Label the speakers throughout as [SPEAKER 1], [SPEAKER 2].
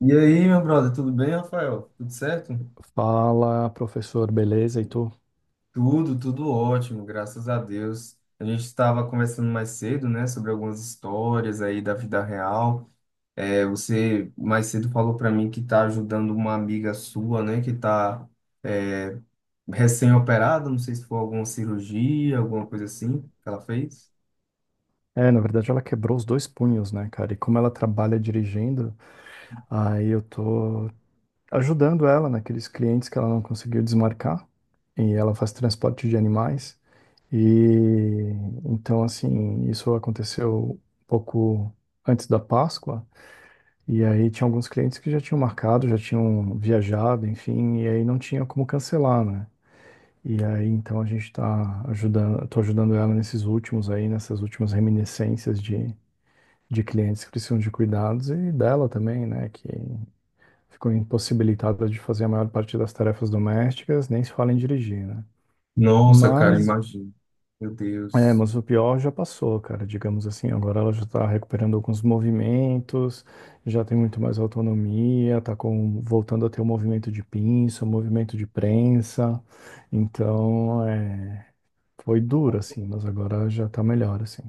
[SPEAKER 1] E aí, meu brother, tudo bem, Rafael? Tudo certo?
[SPEAKER 2] Fala, professor, beleza? E tu?
[SPEAKER 1] Tudo ótimo, graças a Deus. A gente estava conversando mais cedo, né, sobre algumas histórias aí da vida real. É, você mais cedo falou para mim que está ajudando uma amiga sua, né, que está recém-operada, não sei se foi alguma cirurgia, alguma coisa assim que ela fez.
[SPEAKER 2] É, na verdade ela quebrou os dois punhos, né, cara? E como ela trabalha dirigindo, aí eu tô ajudando ela naqueles clientes que ela não conseguiu desmarcar. E ela faz transporte de animais. E então, assim, isso aconteceu um pouco antes da Páscoa. E aí tinha alguns clientes que já tinham marcado, já tinham viajado, enfim, e aí não tinha como cancelar, né? E aí, então, a gente está ajudando, tô ajudando ela nesses últimos aí, nessas últimas reminiscências de clientes que precisam de cuidados e dela também, né, que ficou impossibilitada de fazer a maior parte das tarefas domésticas, nem se fala em dirigir, né?
[SPEAKER 1] Nossa, cara,
[SPEAKER 2] Mas,
[SPEAKER 1] imagina. Meu
[SPEAKER 2] é,
[SPEAKER 1] Deus.
[SPEAKER 2] mas o pior já passou, cara, digamos assim, agora ela já está recuperando alguns movimentos, já tem muito mais autonomia, tá com, voltando a ter o movimento de pinça, o movimento de prensa, então, é. Foi duro, assim, mas agora já tá melhor, assim.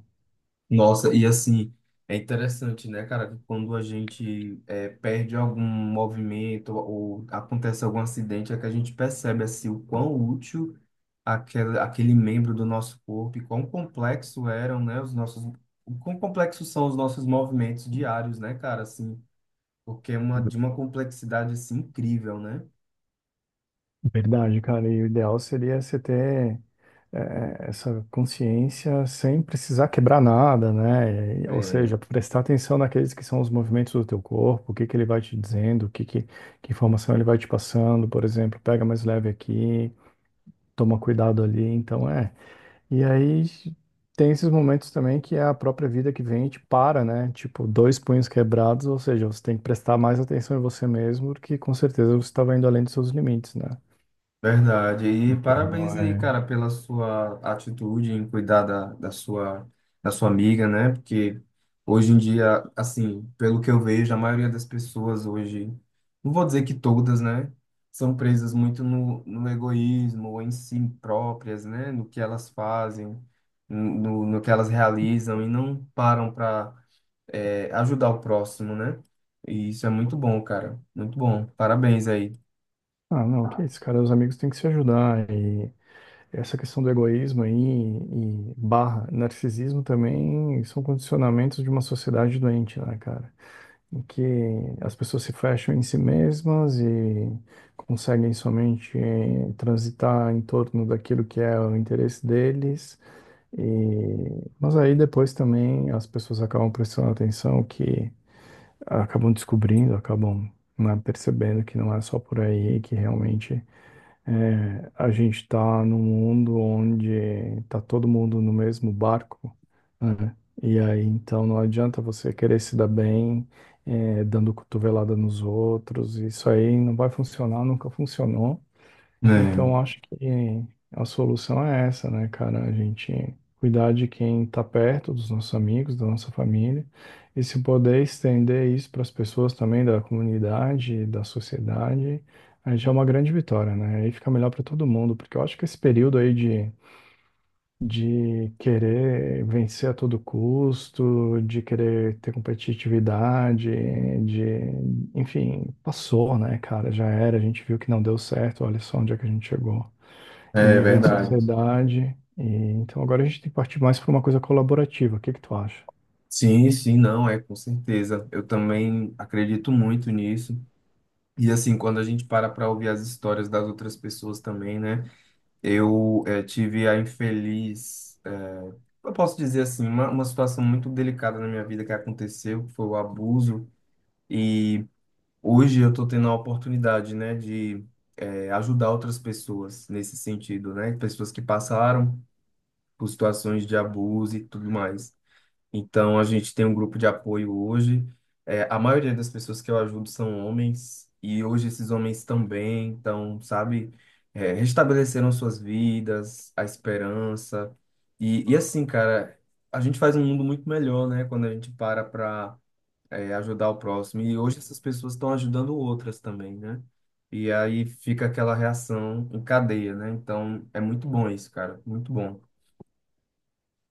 [SPEAKER 1] Nossa, e assim, é interessante, né, cara, que quando perde algum movimento ou acontece algum acidente, é que a gente percebe, assim, o quão útil aquele membro do nosso corpo e quão complexo eram, né, os nossos... O quão complexos são os nossos movimentos diários, né, cara, assim, porque é uma, de uma complexidade, assim, incrível, né?
[SPEAKER 2] Verdade, cara. E o ideal seria você ter essa consciência sem precisar quebrar nada, né? E- Ou
[SPEAKER 1] É,
[SPEAKER 2] seja, prestar atenção naqueles que são os movimentos do teu corpo, o que que ele vai te dizendo, o que que informação ele vai te passando, por exemplo, pega mais leve aqui, toma cuidado ali. Então, é. E aí tem esses momentos também que é a própria vida que vem e te para, né? Tipo, dois punhos quebrados, ou seja, você tem que prestar mais atenção em você mesmo, porque com certeza você estava indo além dos seus limites, né?
[SPEAKER 1] verdade. E
[SPEAKER 2] Então,
[SPEAKER 1] parabéns aí,
[SPEAKER 2] é...
[SPEAKER 1] cara, pela sua atitude em cuidar da sua, da sua amiga, né? Porque hoje em dia, assim, pelo que eu vejo, a maioria das pessoas hoje, não vou dizer que todas, né? São presas muito no egoísmo, ou em si próprias, né? No que elas fazem, no que elas realizam, e não param para ajudar o próximo, né? E isso é muito bom, cara. Muito bom. Parabéns aí.
[SPEAKER 2] Ah, não, que isso, cara, os amigos têm que se ajudar. E essa questão do egoísmo aí e barra narcisismo também são condicionamentos de uma sociedade doente, né, cara? Em que as pessoas se fecham em si mesmas e conseguem somente transitar em torno daquilo que é o interesse deles. E... Mas aí depois também as pessoas acabam prestando atenção que acabam descobrindo, acabam, né, percebendo que não é só por aí, que realmente é, a gente está num mundo onde está todo mundo no mesmo barco, né? E aí então não adianta você querer se dar bem, é, dando cotovelada nos outros. Isso aí não vai funcionar, nunca funcionou. Então, acho que a solução é essa, né, cara? A gente cuidar de quem tá perto, dos nossos amigos, da nossa família, e se poder estender isso para as pessoas também da comunidade, da sociedade, aí já é uma grande vitória, né? Aí fica melhor para todo mundo, porque eu acho que esse período aí de querer vencer a todo custo, de querer ter competitividade, de, enfim, passou, né, cara? Já era, a gente viu que não deu certo, olha só onde é que a gente chegou em
[SPEAKER 1] É, é
[SPEAKER 2] nível de
[SPEAKER 1] verdade.
[SPEAKER 2] sociedade. E, então agora a gente tem que partir mais para uma coisa colaborativa. O que que tu acha?
[SPEAKER 1] Sim, sim, não, é com certeza. Eu também acredito muito nisso. E assim, quando a gente para para ouvir as histórias das outras pessoas também, né? Tive a eu posso dizer assim, uma situação muito delicada na minha vida que aconteceu, que foi o abuso. E hoje eu estou tendo a oportunidade, né, de ajudar outras pessoas nesse sentido, né? Pessoas que passaram por situações de abuso e tudo mais. Então, a gente tem um grupo de apoio hoje. É, a maioria das pessoas que eu ajudo são homens, e hoje esses homens também estão, sabe, é, restabeleceram suas vidas, a esperança. E assim, cara, a gente faz um mundo muito melhor, né, quando a gente para para ajudar o próximo. E hoje essas pessoas estão ajudando outras também, né? E aí fica aquela reação em cadeia, né? Então, é muito bom isso, cara, muito bom.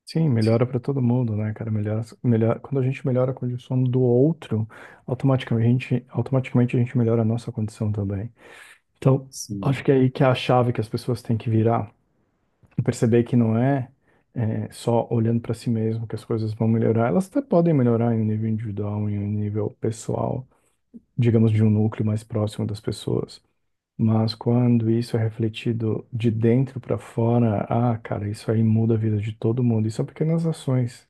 [SPEAKER 2] Sim, melhora para todo mundo, né, cara? Melhora, melhor, quando a gente melhora a condição do outro, automaticamente a gente melhora a nossa condição também. Então, acho
[SPEAKER 1] Sim.
[SPEAKER 2] que é aí que é a chave que as pessoas têm que virar e perceber que não é, é, só olhando para si mesmo que as coisas vão melhorar. Elas até podem melhorar em um nível individual, em um nível pessoal, digamos, de um núcleo mais próximo das pessoas. Mas quando isso é refletido de dentro para fora, ah, cara, isso aí muda a vida de todo mundo. E são pequenas ações.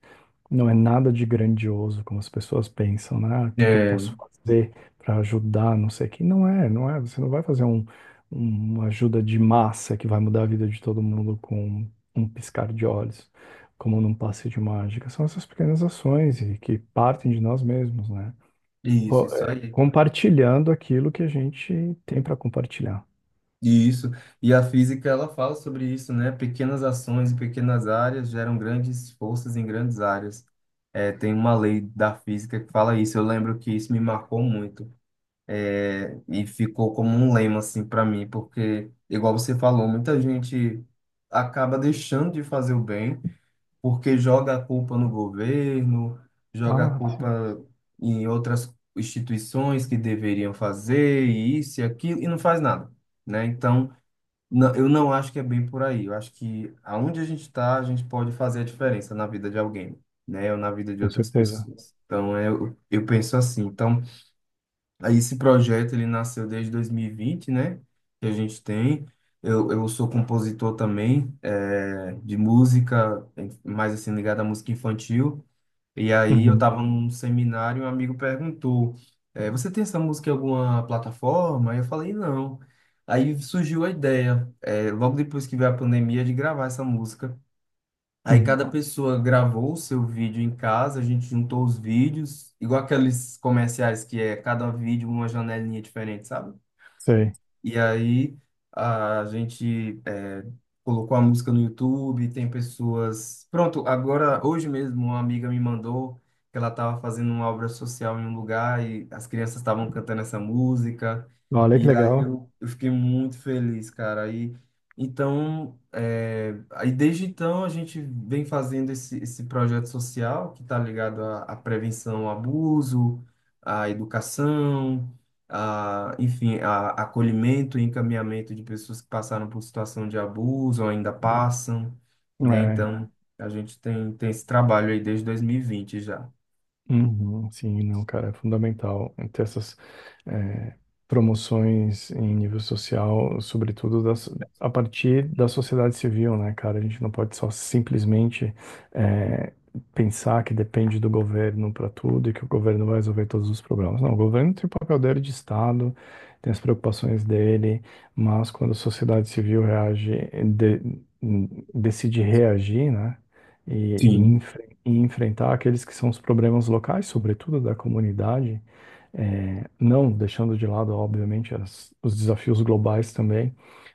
[SPEAKER 2] Não é nada de grandioso, como as pessoas pensam, né? Ah, o que que eu
[SPEAKER 1] É,
[SPEAKER 2] posso fazer para ajudar, não sei o quê. Não é, não é. Você não vai fazer um, uma ajuda de massa que vai mudar a vida de todo mundo com um piscar de olhos, como num passe de mágica. São essas pequenas ações e que partem de nós mesmos, né?
[SPEAKER 1] isso, isso aí.
[SPEAKER 2] Compartilhando aquilo que a gente tem para compartilhar.
[SPEAKER 1] Isso. E a física, ela fala sobre isso, né? Pequenas ações em pequenas áreas geram grandes forças em grandes áreas. É, tem uma lei da física que fala isso. Eu lembro que isso me marcou muito. É, e ficou como um lema, assim, para mim, porque, igual você falou, muita gente acaba deixando de fazer o bem porque joga a culpa no governo, joga a
[SPEAKER 2] Ah, sim,
[SPEAKER 1] culpa em outras instituições que deveriam fazer, e isso e aquilo, e não faz nada, né? Então. Não, eu não acho que é bem por aí. Eu acho que aonde a gente está, a gente pode fazer a diferença na vida de alguém, né? Ou na vida de
[SPEAKER 2] com
[SPEAKER 1] outras
[SPEAKER 2] certeza.
[SPEAKER 1] pessoas. Então, é, eu penso assim. Então, aí esse projeto, ele nasceu desde 2020, né? Que a gente tem. Eu sou compositor também, de música, mais assim, ligado à música infantil. E aí eu
[SPEAKER 2] Uhum,
[SPEAKER 1] tava num seminário e um amigo perguntou, você tem essa música em alguma plataforma? Aí eu falei, não. Aí surgiu a ideia, logo depois que veio a pandemia, de gravar essa música. Aí
[SPEAKER 2] uhum,
[SPEAKER 1] cada pessoa gravou o seu vídeo em casa, a gente juntou os vídeos, igual aqueles comerciais que é cada vídeo uma janelinha diferente, sabe?
[SPEAKER 2] sei.
[SPEAKER 1] E aí a gente é, colocou a música no YouTube, tem pessoas. Pronto, agora, hoje mesmo, uma amiga me mandou que ela estava fazendo uma obra social em um lugar e as crianças estavam cantando essa música.
[SPEAKER 2] Olha que
[SPEAKER 1] E aí
[SPEAKER 2] legal.
[SPEAKER 1] eu fiquei muito feliz, cara. Aí, então, é, aí desde então a gente vem fazendo esse, esse projeto social que está ligado à, à prevenção ao abuso, à educação a, enfim, a, acolhimento e encaminhamento de pessoas que passaram por situação de abuso ou ainda passam, né?
[SPEAKER 2] É.
[SPEAKER 1] Então, a gente tem, tem esse trabalho aí desde 2020 já.
[SPEAKER 2] Uhum, sim, não, cara, é fundamental ter essas eh, promoções em nível social, sobretudo das, a partir da sociedade civil, né, cara? A gente não pode só simplesmente eh, pensar que depende do governo para tudo e que o governo vai resolver todos os problemas. Não, o governo tem o papel dele de Estado, tem as preocupações dele, mas quando a sociedade civil reage, de- decide reagir, né? E, e
[SPEAKER 1] Sim,
[SPEAKER 2] e enfrentar aqueles que são os problemas locais, sobretudo da comunidade, não deixando de lado, obviamente, as- os desafios globais também,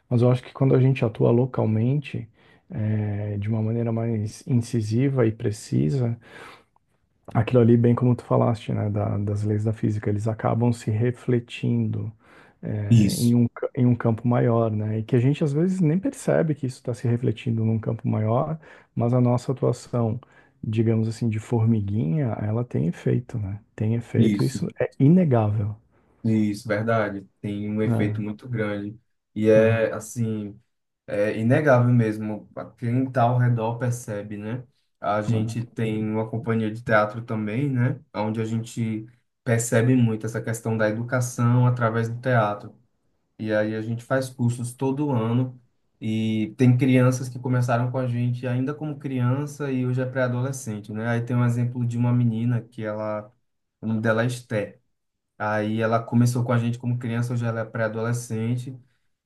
[SPEAKER 2] mas eu acho que quando a gente atua localmente, de uma maneira mais incisiva e precisa, aquilo ali, bem como tu falaste, né, da- das leis da física, eles acabam se refletindo é,
[SPEAKER 1] isso,
[SPEAKER 2] em um, ca- em um campo maior, né, e que a gente às vezes nem percebe que isso está se refletindo num campo maior, mas a nossa atuação, digamos assim, de formiguinha, ela tem efeito, né, tem efeito,
[SPEAKER 1] isso,
[SPEAKER 2] isso é inegável,
[SPEAKER 1] isso, verdade. Tem um
[SPEAKER 2] né,
[SPEAKER 1] efeito muito grande. E
[SPEAKER 2] né,
[SPEAKER 1] é, assim, é inegável mesmo. Quem está ao redor percebe, né? A
[SPEAKER 2] né.
[SPEAKER 1] gente tem uma companhia de teatro também, né? Onde a gente percebe muito essa questão da educação através do teatro. E aí a gente faz cursos todo ano e tem crianças que começaram com a gente ainda como criança e hoje é pré-adolescente, né? Aí tem um exemplo de uma menina que ela, o nome dela é Esté. Aí ela começou com a gente como criança, hoje ela é pré-adolescente.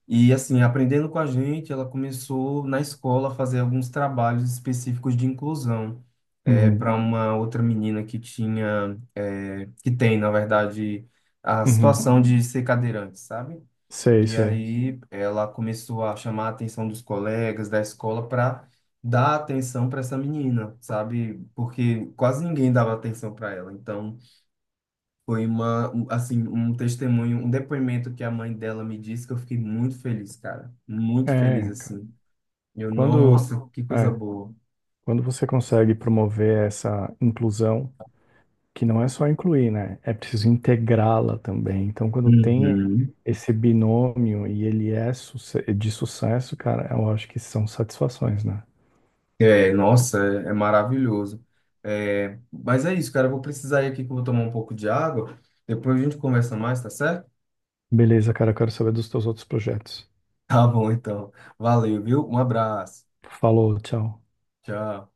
[SPEAKER 1] E assim, aprendendo com a gente, ela começou na escola a fazer alguns trabalhos específicos de inclusão. É,
[SPEAKER 2] Uhum,
[SPEAKER 1] para uma outra menina que tinha, é, que tem, na verdade, a
[SPEAKER 2] uhum.
[SPEAKER 1] situação de ser cadeirante, sabe?
[SPEAKER 2] Sei,
[SPEAKER 1] E
[SPEAKER 2] sei.
[SPEAKER 1] aí ela começou a chamar a atenção dos colegas da escola para dar atenção para essa menina, sabe? Porque quase ninguém dava atenção para ela. Então foi uma, um- assim, um testemunho, um depoimento que a mãe dela me disse que eu fiquei muito feliz, cara. Muito feliz,
[SPEAKER 2] É, cara,
[SPEAKER 1] assim. Eu,
[SPEAKER 2] quando,
[SPEAKER 1] nossa, que coisa
[SPEAKER 2] é,
[SPEAKER 1] boa.
[SPEAKER 2] quando você consegue promover essa inclusão, que não é só incluir, né? É preciso integrá-la também. Então, quando tem
[SPEAKER 1] Uhum.
[SPEAKER 2] esse binômio e ele é suce- de sucesso, cara, eu acho que são satisfações, né?
[SPEAKER 1] É, nossa, é, é maravilhoso. É, mas é isso, cara. Eu vou precisar ir aqui que eu vou tomar um pouco de água. Depois a gente conversa mais, tá certo?
[SPEAKER 2] Beleza, cara, eu quero saber dos teus outros projetos.
[SPEAKER 1] Tá bom, então. Valeu, viu? Um abraço.
[SPEAKER 2] Falou, tchau.
[SPEAKER 1] Tchau.